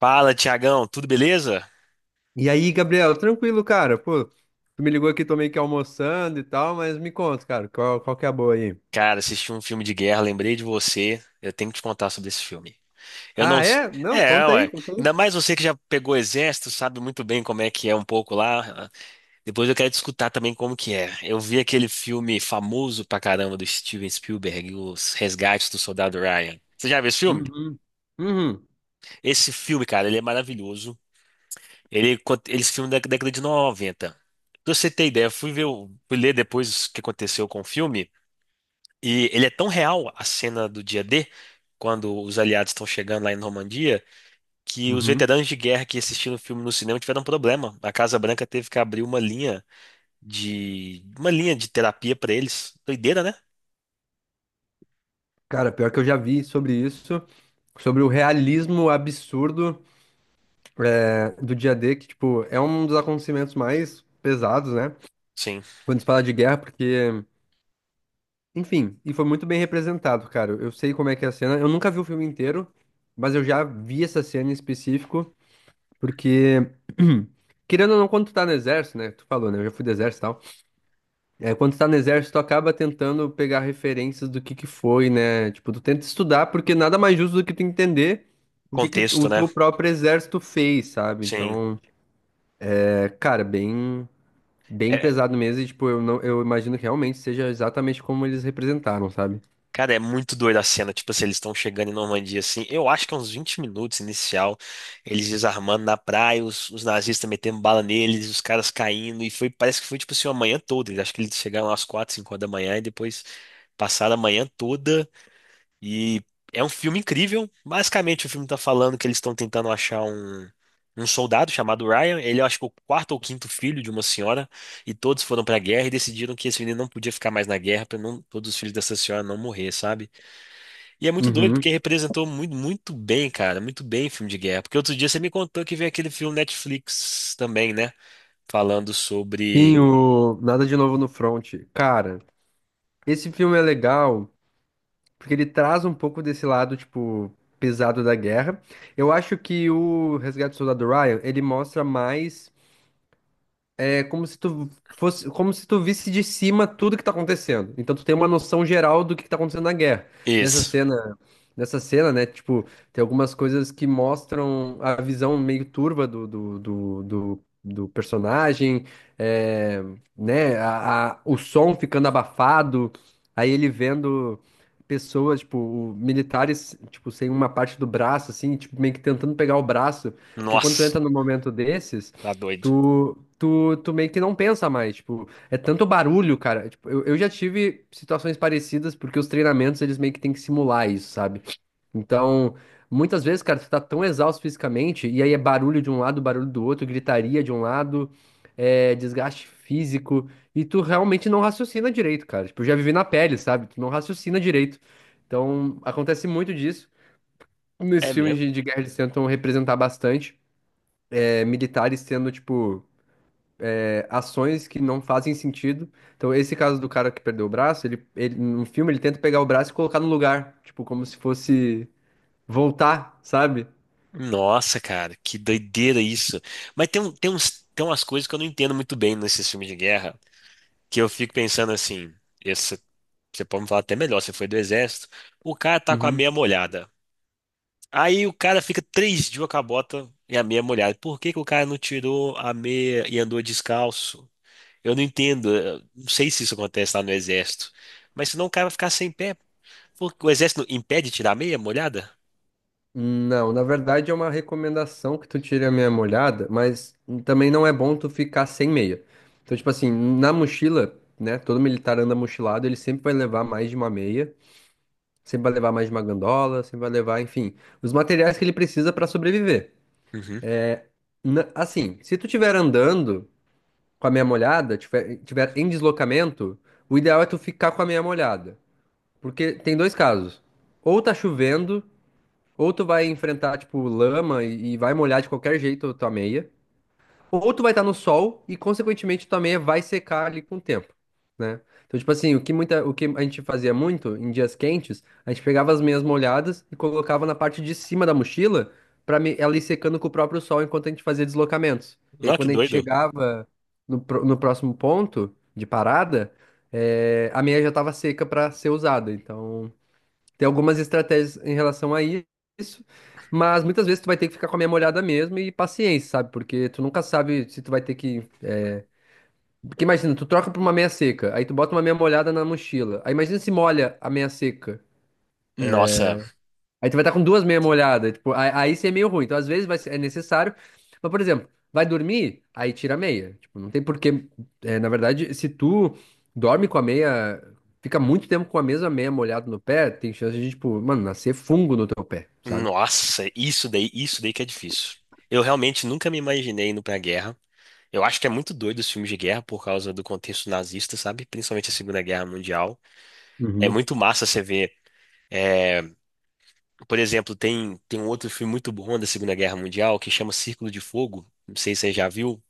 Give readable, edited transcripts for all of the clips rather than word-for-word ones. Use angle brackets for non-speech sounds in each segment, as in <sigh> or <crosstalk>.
Fala, Tiagão, tudo beleza? E aí, Gabriel, tranquilo, cara? Pô, tu me ligou aqui, tô meio que almoçando e tal, mas me conta, cara, qual que é a boa aí? Cara, assisti um filme de guerra, lembrei de você. Eu tenho que te contar sobre esse filme. Eu não. Ah, é? Não, É, conta aí, ué. conta aí. Ainda mais você que já pegou exército, sabe muito bem como é que é um pouco lá. Depois eu quero te escutar também como que é. Eu vi aquele filme famoso pra caramba do Steven Spielberg, Os Resgates do Soldado Ryan. Você já viu esse filme? Uhum. Uhum. Esse filme, cara, ele é maravilhoso. Esse filme é da década de 90. Pra você ter ideia, eu fui ver, o- fui ler depois o que aconteceu com o filme. E ele é tão real, a cena do dia D, quando os aliados estão chegando lá em Normandia, que os Uhum. veteranos de guerra que assistiram o filme no cinema tiveram um problema. A Casa Branca teve que abrir uma linha de terapia para eles. Doideira, né? Cara, pior que eu já vi sobre isso, sobre o realismo absurdo do dia D, que, tipo, é um dos acontecimentos mais pesados, né? Sim. Quando se fala de guerra, porque, enfim, e foi muito bem representado, cara. Eu sei como é que é a cena, eu nunca vi o filme inteiro, mas eu já vi essa cena em específico. Porque, <clears throat> querendo ou não, quando tu tá no exército, né? Tu falou, né? Eu já fui do exército e tal. É, quando tu tá no exército, tu acaba tentando pegar referências do que foi, né? Tipo, tu tenta estudar, porque nada mais justo do que tu entender o que que Contexto, o né? teu próprio exército fez, sabe? Sim. Então, é, cara, bem É, pesado mesmo. E, tipo, eu não, eu imagino que realmente seja exatamente como eles representaram, sabe? cara, é muito doida a cena. Tipo assim, eles estão chegando em Normandia, assim. Eu acho que é uns 20 minutos inicial. Eles desarmando na praia, os nazistas metendo bala neles, os caras caindo. E foi, parece que foi, tipo assim, uma manhã toda. Acho que eles chegaram às 4, 5 horas da manhã e depois passaram a manhã toda. E é um filme incrível. Basicamente, o filme tá falando que eles estão tentando achar um soldado chamado Ryan, ele eu acho que é o quarto ou quinto filho de uma senhora, e todos foram pra guerra e decidiram que esse menino não podia ficar mais na guerra para não todos os filhos dessa senhora não morrer, sabe? E é muito doido, porque Uhum. representou muito, muito bem, cara, muito bem filme de guerra. Porque outro dia você me contou que veio aquele filme Netflix também, né? Falando Sim, sobre o Nada de Novo no Front. Cara, esse filme é legal. Porque ele traz um pouco desse lado, tipo, pesado da guerra. Eu acho que o Resgate do Soldado Ryan, ele mostra mais como se tu visse de cima tudo que tá acontecendo. Então tu tem uma noção geral do que tá acontecendo na guerra. Nessa isso. cena, nessa cena, né, tipo, tem algumas coisas que mostram a visão meio turva do personagem, é, né, o som ficando abafado, aí ele vendo pessoas, tipo, militares, tipo, sem uma parte do braço, assim, tipo, meio que tentando pegar o braço, porque quando tu Nossa, entra num momento desses, tá doido. Tu, tu meio que não pensa mais, tipo, é tanto barulho, cara. Tipo, eu já tive situações parecidas, porque os treinamentos eles meio que têm que simular isso, sabe? Então, muitas vezes, cara, tu tá tão exausto fisicamente, e aí é barulho de um lado, barulho do outro, gritaria de um lado, desgaste físico, e tu realmente não raciocina direito, cara. Tipo, eu já vivi na pele, sabe? Tu não raciocina direito. Então, acontece muito disso. É Nesses filmes mesmo? de guerra eles tentam representar bastante, militares tendo, tipo ações que não fazem sentido. Então, esse caso do cara que perdeu o braço, ele no filme ele tenta pegar o braço e colocar no lugar, tipo, como se fosse voltar, sabe? Nossa, cara, que doideira isso. Mas tem, um- tem uns, tem umas coisas que eu não entendo muito bem nesses filmes de guerra, que eu fico pensando assim, esse, você pode me falar até melhor, você foi do exército, o cara tá com a Uhum. meia molhada. Aí o cara fica 3 dias com a bota e a meia molhada. Por que que o cara não tirou a meia e andou descalço? Eu não entendo. Eu não sei se isso acontece lá no exército. Mas senão o cara vai ficar sem pé. Porque o exército não impede de tirar a meia molhada? Não, na verdade é uma recomendação que tu tire a meia molhada, mas também não é bom tu ficar sem meia. Então, tipo assim, na mochila, né, todo militar anda mochilado, ele sempre vai levar mais de uma meia, sempre vai levar mais de uma gandola, sempre vai levar, enfim, os materiais que ele precisa pra sobreviver. Uhum. Assim, se tu estiver andando com a meia molhada, tiver em deslocamento, o ideal é tu ficar com a meia molhada. Porque tem dois casos. Ou tá chovendo, ou tu vai enfrentar, tipo, lama e vai molhar de qualquer jeito a tua meia ou tu vai estar no sol e, consequentemente, tua meia vai secar ali com o tempo, né? Então, tipo assim, o que a gente fazia muito em dias quentes, a gente pegava as meias molhadas e colocava na parte de cima da mochila para ela ir secando com o próprio sol enquanto a gente fazia deslocamentos. E aí, Não, que quando a gente doido. chegava no próximo ponto de parada, a meia já estava seca para ser usada. Então. Tem algumas estratégias em relação a isso, mas muitas vezes tu vai ter que ficar com a meia molhada mesmo e paciência, sabe? Porque tu nunca sabe se tu vai ter que. Porque imagina, tu troca por uma meia seca, aí tu bota uma meia molhada na mochila. Aí imagina se molha a meia seca. Nossa, Aí tu vai estar com duas meia molhadas. Tipo, aí isso é meio ruim. Então, às vezes é necessário. Mas, por exemplo, vai dormir, aí tira a meia. Tipo, não tem porquê. É, na verdade, se tu dorme com a meia, fica muito tempo com a mesma meia molhada no pé, tem chance de, tipo, mano, nascer fungo no teu pé, sabe? nossa, isso daí que é difícil. Eu realmente nunca me imaginei indo pra guerra. Eu acho que é muito doido os filmes de guerra por causa do contexto nazista, sabe? Principalmente a Segunda Guerra Mundial. É Uhum. muito massa você ver. Por exemplo, tem um outro filme muito bom da Segunda Guerra Mundial que chama Círculo de Fogo. Não sei se você já viu,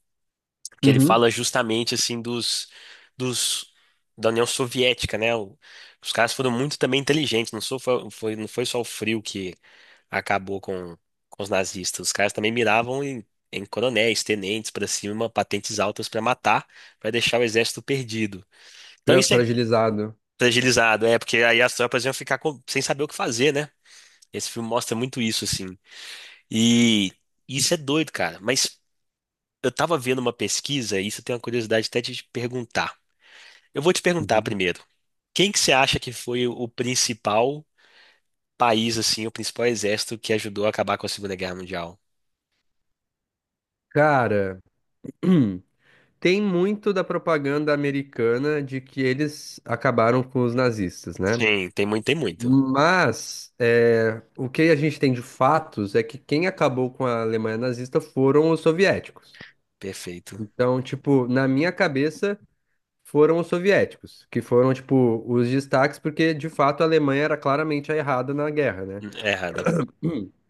que ele Uhum. fala justamente assim dos, dos da União Soviética, né? Os caras foram muito também inteligentes, não foi só o frio que acabou com os nazistas. Os caras também miravam em coronéis, tenentes para cima, patentes altas para matar, para deixar o exército perdido. Então isso é Fragilizado. fragilizado, é, porque aí as tropas iam ficar sem saber o que fazer, né? Esse filme mostra muito isso, assim. E isso é doido, cara. Mas eu tava vendo uma pesquisa, e isso eu tenho uma curiosidade até de te perguntar. Eu vou te perguntar Uhum. primeiro, quem que você acha que foi o principal país, assim, o principal exército que ajudou a acabar com a Segunda Guerra Mundial? Cara, <clears throat> tem muito da propaganda americana de que eles acabaram com os nazistas, né? Sim, tem muito, tem muito. Mas é, o que a gente tem de fatos é que quem acabou com a Alemanha nazista foram os soviéticos. Perfeito. Então, tipo, na minha cabeça foram os soviéticos, que foram, tipo, os destaques, porque de fato a Alemanha era claramente a errada na guerra, né? É errada. <laughs>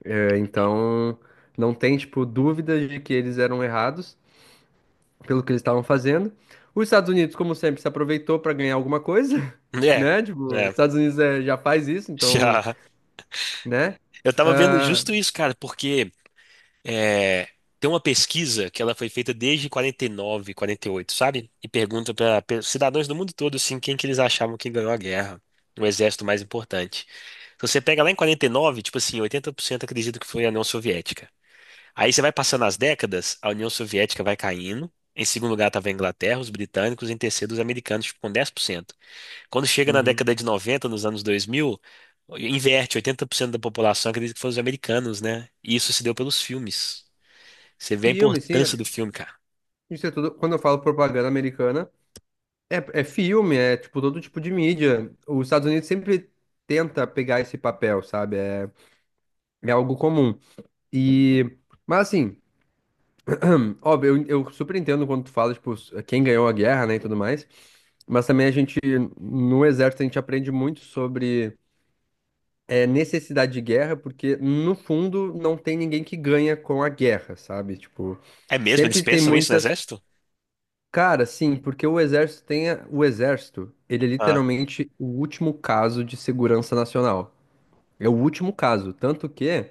É, então, não tem, tipo, dúvidas de que eles eram errados pelo que eles estavam fazendo. Os Estados Unidos, como sempre, se aproveitou para ganhar alguma coisa, <laughs> É, né? Tipo, os é. Estados Unidos já faz isso, então, Já. né? Eu tava vendo Ah, justo isso, cara, porque é, tem uma pesquisa que ela foi feita desde 49, 48, sabe? E pergunta para cidadãos do mundo todo, assim, quem que eles achavam que ganhou a guerra, o exército mais importante. Se você pega lá em 49, tipo assim, 80% acredita que foi a União Soviética. Aí você vai passando as décadas, a União Soviética vai caindo. Em segundo lugar estava a Inglaterra, os britânicos, em terceiro os americanos, tipo, com 10%. Quando chega na uhum. década de 90, nos anos 2000, inverte, 80% da população acredita que foram os americanos, né? E isso se deu pelos filmes. Você vê a Filme, sim, importância do filme, cara. isso é tudo. Quando eu falo propaganda americana, filme, é, tipo, todo tipo de mídia. Os Estados Unidos sempre tenta pegar esse papel, sabe? É algo comum. E, mas assim. Óbvio, eu super entendo quando tu fala, tipo, quem ganhou a guerra, né, e tudo mais. Mas também a gente, no exército, a gente aprende muito sobre necessidade de guerra, porque no fundo não tem ninguém que ganha com a guerra, sabe? Tipo, É mesmo? Eles sempre tem pensam isso no muitas. exército? Cara, sim, porque o exército tem. O exército, ele é Ah, literalmente o último caso de segurança nacional. É o último caso. Tanto que.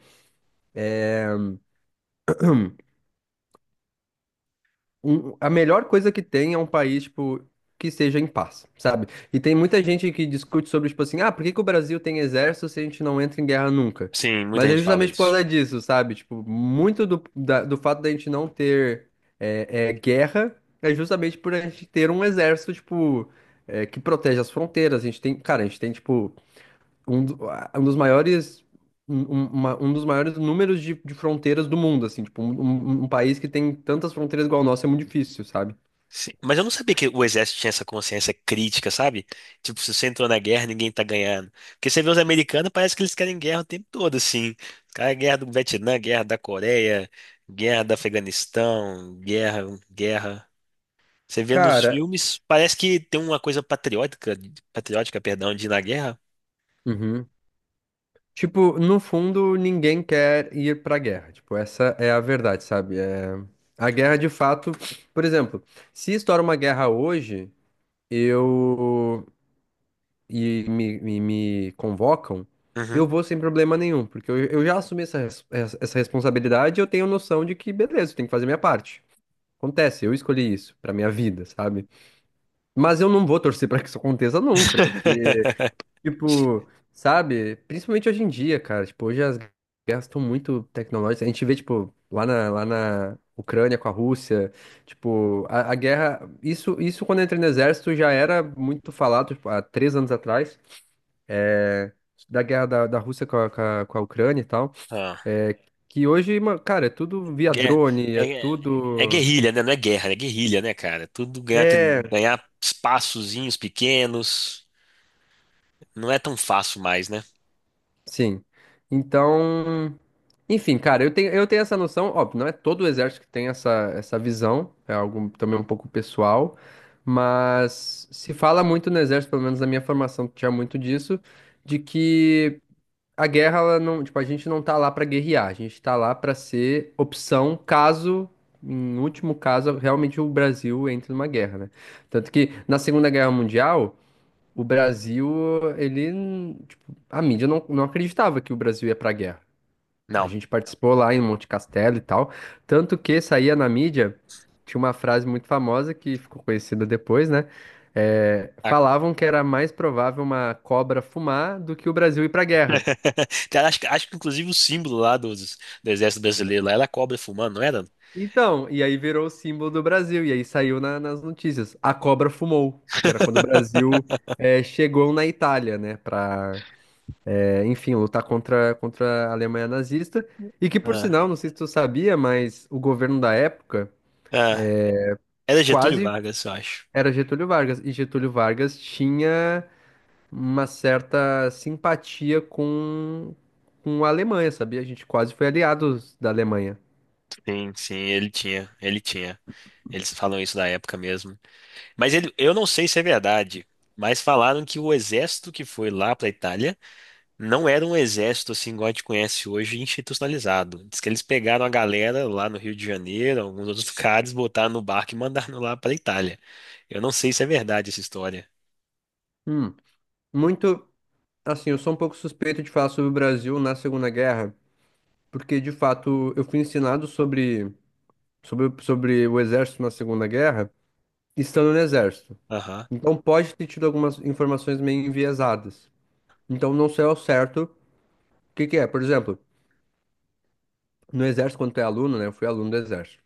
A melhor coisa que tem é um país, tipo, que seja em paz, sabe? E tem muita gente que discute sobre, tipo assim, ah, por que que o Brasil tem exército se a gente não entra em guerra nunca? sim, muita Mas é gente fala justamente por isso. causa disso, sabe? Tipo, muito do, do fato da gente não ter guerra é justamente por a gente ter um exército, tipo, que protege as fronteiras. A gente tem, cara, a gente tem, tipo, um dos maiores um dos maiores números de fronteiras do mundo, assim, tipo, um país que tem tantas fronteiras igual o nosso é muito difícil, sabe? Sim, mas eu não sabia que o exército tinha essa consciência crítica, sabe? Tipo, se você entrou na guerra, ninguém tá ganhando. Porque você vê os americanos, parece que eles querem guerra o tempo todo, assim. Cara, guerra do Vietnã, guerra da Coreia, guerra do Afeganistão, guerra, guerra. Você vê nos Cara, filmes, parece que tem uma coisa patriótica, patriótica, perdão, de ir na guerra. uhum. Tipo, no fundo, ninguém quer ir pra guerra, tipo, essa é a verdade, sabe? É. A guerra, de fato, por exemplo, se estoura uma guerra hoje, eu e me convocam, Uhum. eu vou sem problema nenhum, porque eu já assumi essa responsabilidade e eu tenho noção de que, beleza, eu tenho que fazer minha parte. Acontece, eu escolhi isso pra minha vida, sabe? Mas eu não vou torcer pra que isso aconteça nunca, porque, <laughs> tipo, sabe? Principalmente hoje em dia, cara, tipo, hoje as guerras estão muito tecnológicas. A gente vê, tipo, lá na Ucrânia com a Rússia, tipo, a guerra, isso quando eu entrei no exército já era muito falado, tipo, há 3 anos atrás da Rússia com a Ucrânia e tal, Ah, é, que hoje, cara, é tudo via gue- drone, é é, é tudo. guerrilha, né? Não é guerra, é guerrilha, né, cara? Tudo ganhar, É, ganhar espaçozinhos pequenos. Não é tão fácil mais, né? sim. Então, enfim, cara, eu tenho essa noção, óbvio, não é todo o exército que tem essa visão, é algo também um pouco pessoal, mas se fala muito no exército, pelo menos na minha formação tinha muito disso, de que. A guerra, ela não, tipo, a gente não tá lá pra guerrear, a gente tá lá pra ser opção caso, em último caso, realmente o Brasil entre numa guerra, né? Tanto que na Segunda Guerra Mundial, o Brasil, ele, tipo, a mídia não acreditava que o Brasil ia pra guerra. A Não. gente participou lá em Monte Castelo e tal, tanto que saía na mídia, tinha uma frase muito famosa que ficou conhecida depois, né? É, A- falavam que era mais provável uma cobra fumar do que o Brasil ir pra guerra. <laughs> Cara, acho que inclusive o símbolo lá do Exército Brasileiro lá era a cobra fumando, não era? Então, e aí virou o símbolo do Brasil, e aí saiu nas notícias. A cobra fumou, que era quando o Brasil <laughs> chegou na Itália, né, pra, enfim, lutar contra a Alemanha nazista. E que, por Ah, sinal, não sei se tu sabia, mas o governo da época ah. Era Getúlio quase Vargas, eu acho. era Getúlio Vargas, e Getúlio Vargas tinha uma certa simpatia com a Alemanha, sabia? A gente quase foi aliados da Alemanha. Sim, sim, ele tinha. Eles falam isso da época mesmo. Mas eu não sei se é verdade, mas falaram que o exército que foi lá para a Itália não era um exército assim igual a gente conhece hoje, institucionalizado. Diz que eles pegaram a galera lá no Rio de Janeiro, alguns outros lugares, botaram no barco e mandaram lá para Itália. Eu não sei se é verdade essa história. Hum, muito. Assim, eu sou um pouco suspeito de falar sobre o Brasil na Segunda Guerra, porque de fato eu fui ensinado sobre o exército na Segunda Guerra, estando no exército. Aham. Então pode ter tido algumas informações meio enviesadas. Então não sei ao certo o que que é. Por exemplo, no exército, quando tu é aluno, né? Eu fui aluno do exército.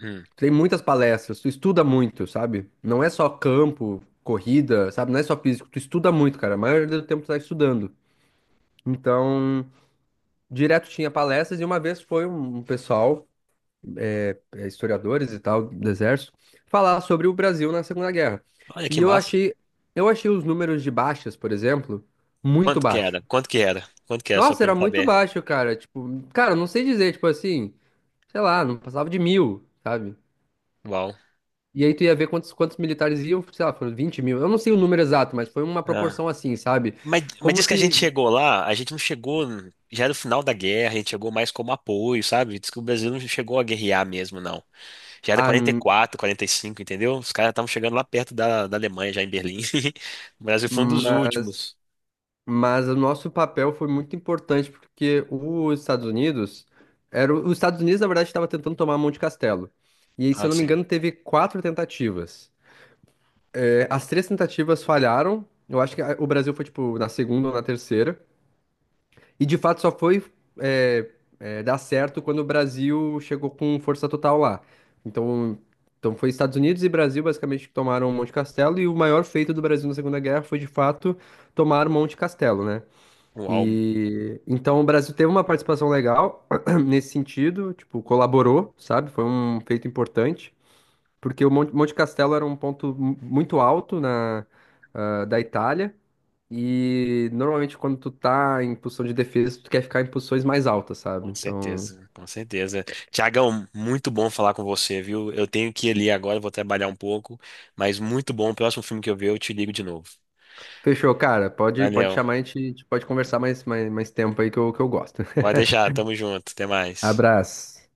Hum. Tem muitas palestras, tu estuda muito, sabe? Não é só campo, corrida, sabe? Não é só físico, tu estuda muito, cara. A maioria do tempo tu tá estudando. Então, direto tinha palestras e uma vez foi um pessoal. Historiadores e tal do exército falar sobre o Brasil na Segunda Guerra. Olha que E eu massa. achei, eu achei os números de baixas, por exemplo, muito Quanto que baixo. era? Quanto que era? Quanto que era? Só Nossa, pra era gente muito saber. baixo, cara. Tipo, cara, não sei dizer, tipo assim, sei lá, não passava de mil, sabe? Uau. E aí tu ia ver quantos militares iam, sei lá, foram 20 mil. Eu não sei o número exato, mas foi uma Ah. proporção assim, sabe? Mas Como diz que a gente se. chegou lá, a gente não chegou. Já era o final da guerra, a gente chegou mais como apoio, sabe? Diz que o Brasil não chegou a guerrear mesmo, não. Já era Ah, quarenta e quatro, 45, entendeu? Os caras estavam chegando lá perto da Alemanha, já em Berlim. <laughs> O Brasil foi um dos mas. últimos. Mas o nosso papel foi muito importante porque os Estados Unidos na verdade estava tentando tomar Monte Castelo. E aí, se Ah, eu não me sim. engano, teve quatro tentativas. É, as três tentativas falharam. Eu acho que o Brasil foi tipo na segunda ou na terceira. E de fato só foi é, dar certo quando o Brasil chegou com força total lá. Então, foi Estados Unidos e Brasil basicamente que tomaram Monte Castelo. E o maior feito do Brasil na Segunda Guerra foi de fato tomar Monte Castelo, né? Uau, E então o Brasil teve uma participação legal <clears throat> nesse sentido, tipo, colaborou, sabe? Foi um feito importante, porque o Monte Castelo era um ponto muito alto da Itália. E normalmente quando tu tá em posição de defesa, tu quer ficar em posições mais altas, sabe? com Então, certeza, com certeza. Tiagão, muito bom falar com você, viu? Eu tenho que ir ali agora, vou trabalhar um pouco, mas muito bom. O próximo filme que eu ver, eu te ligo de novo. fechou, cara. Pode Valeu. chamar, a gente pode conversar mais tempo aí que eu gosto. Pode <laughs> deixar, tamo junto. Até mais. Abraço.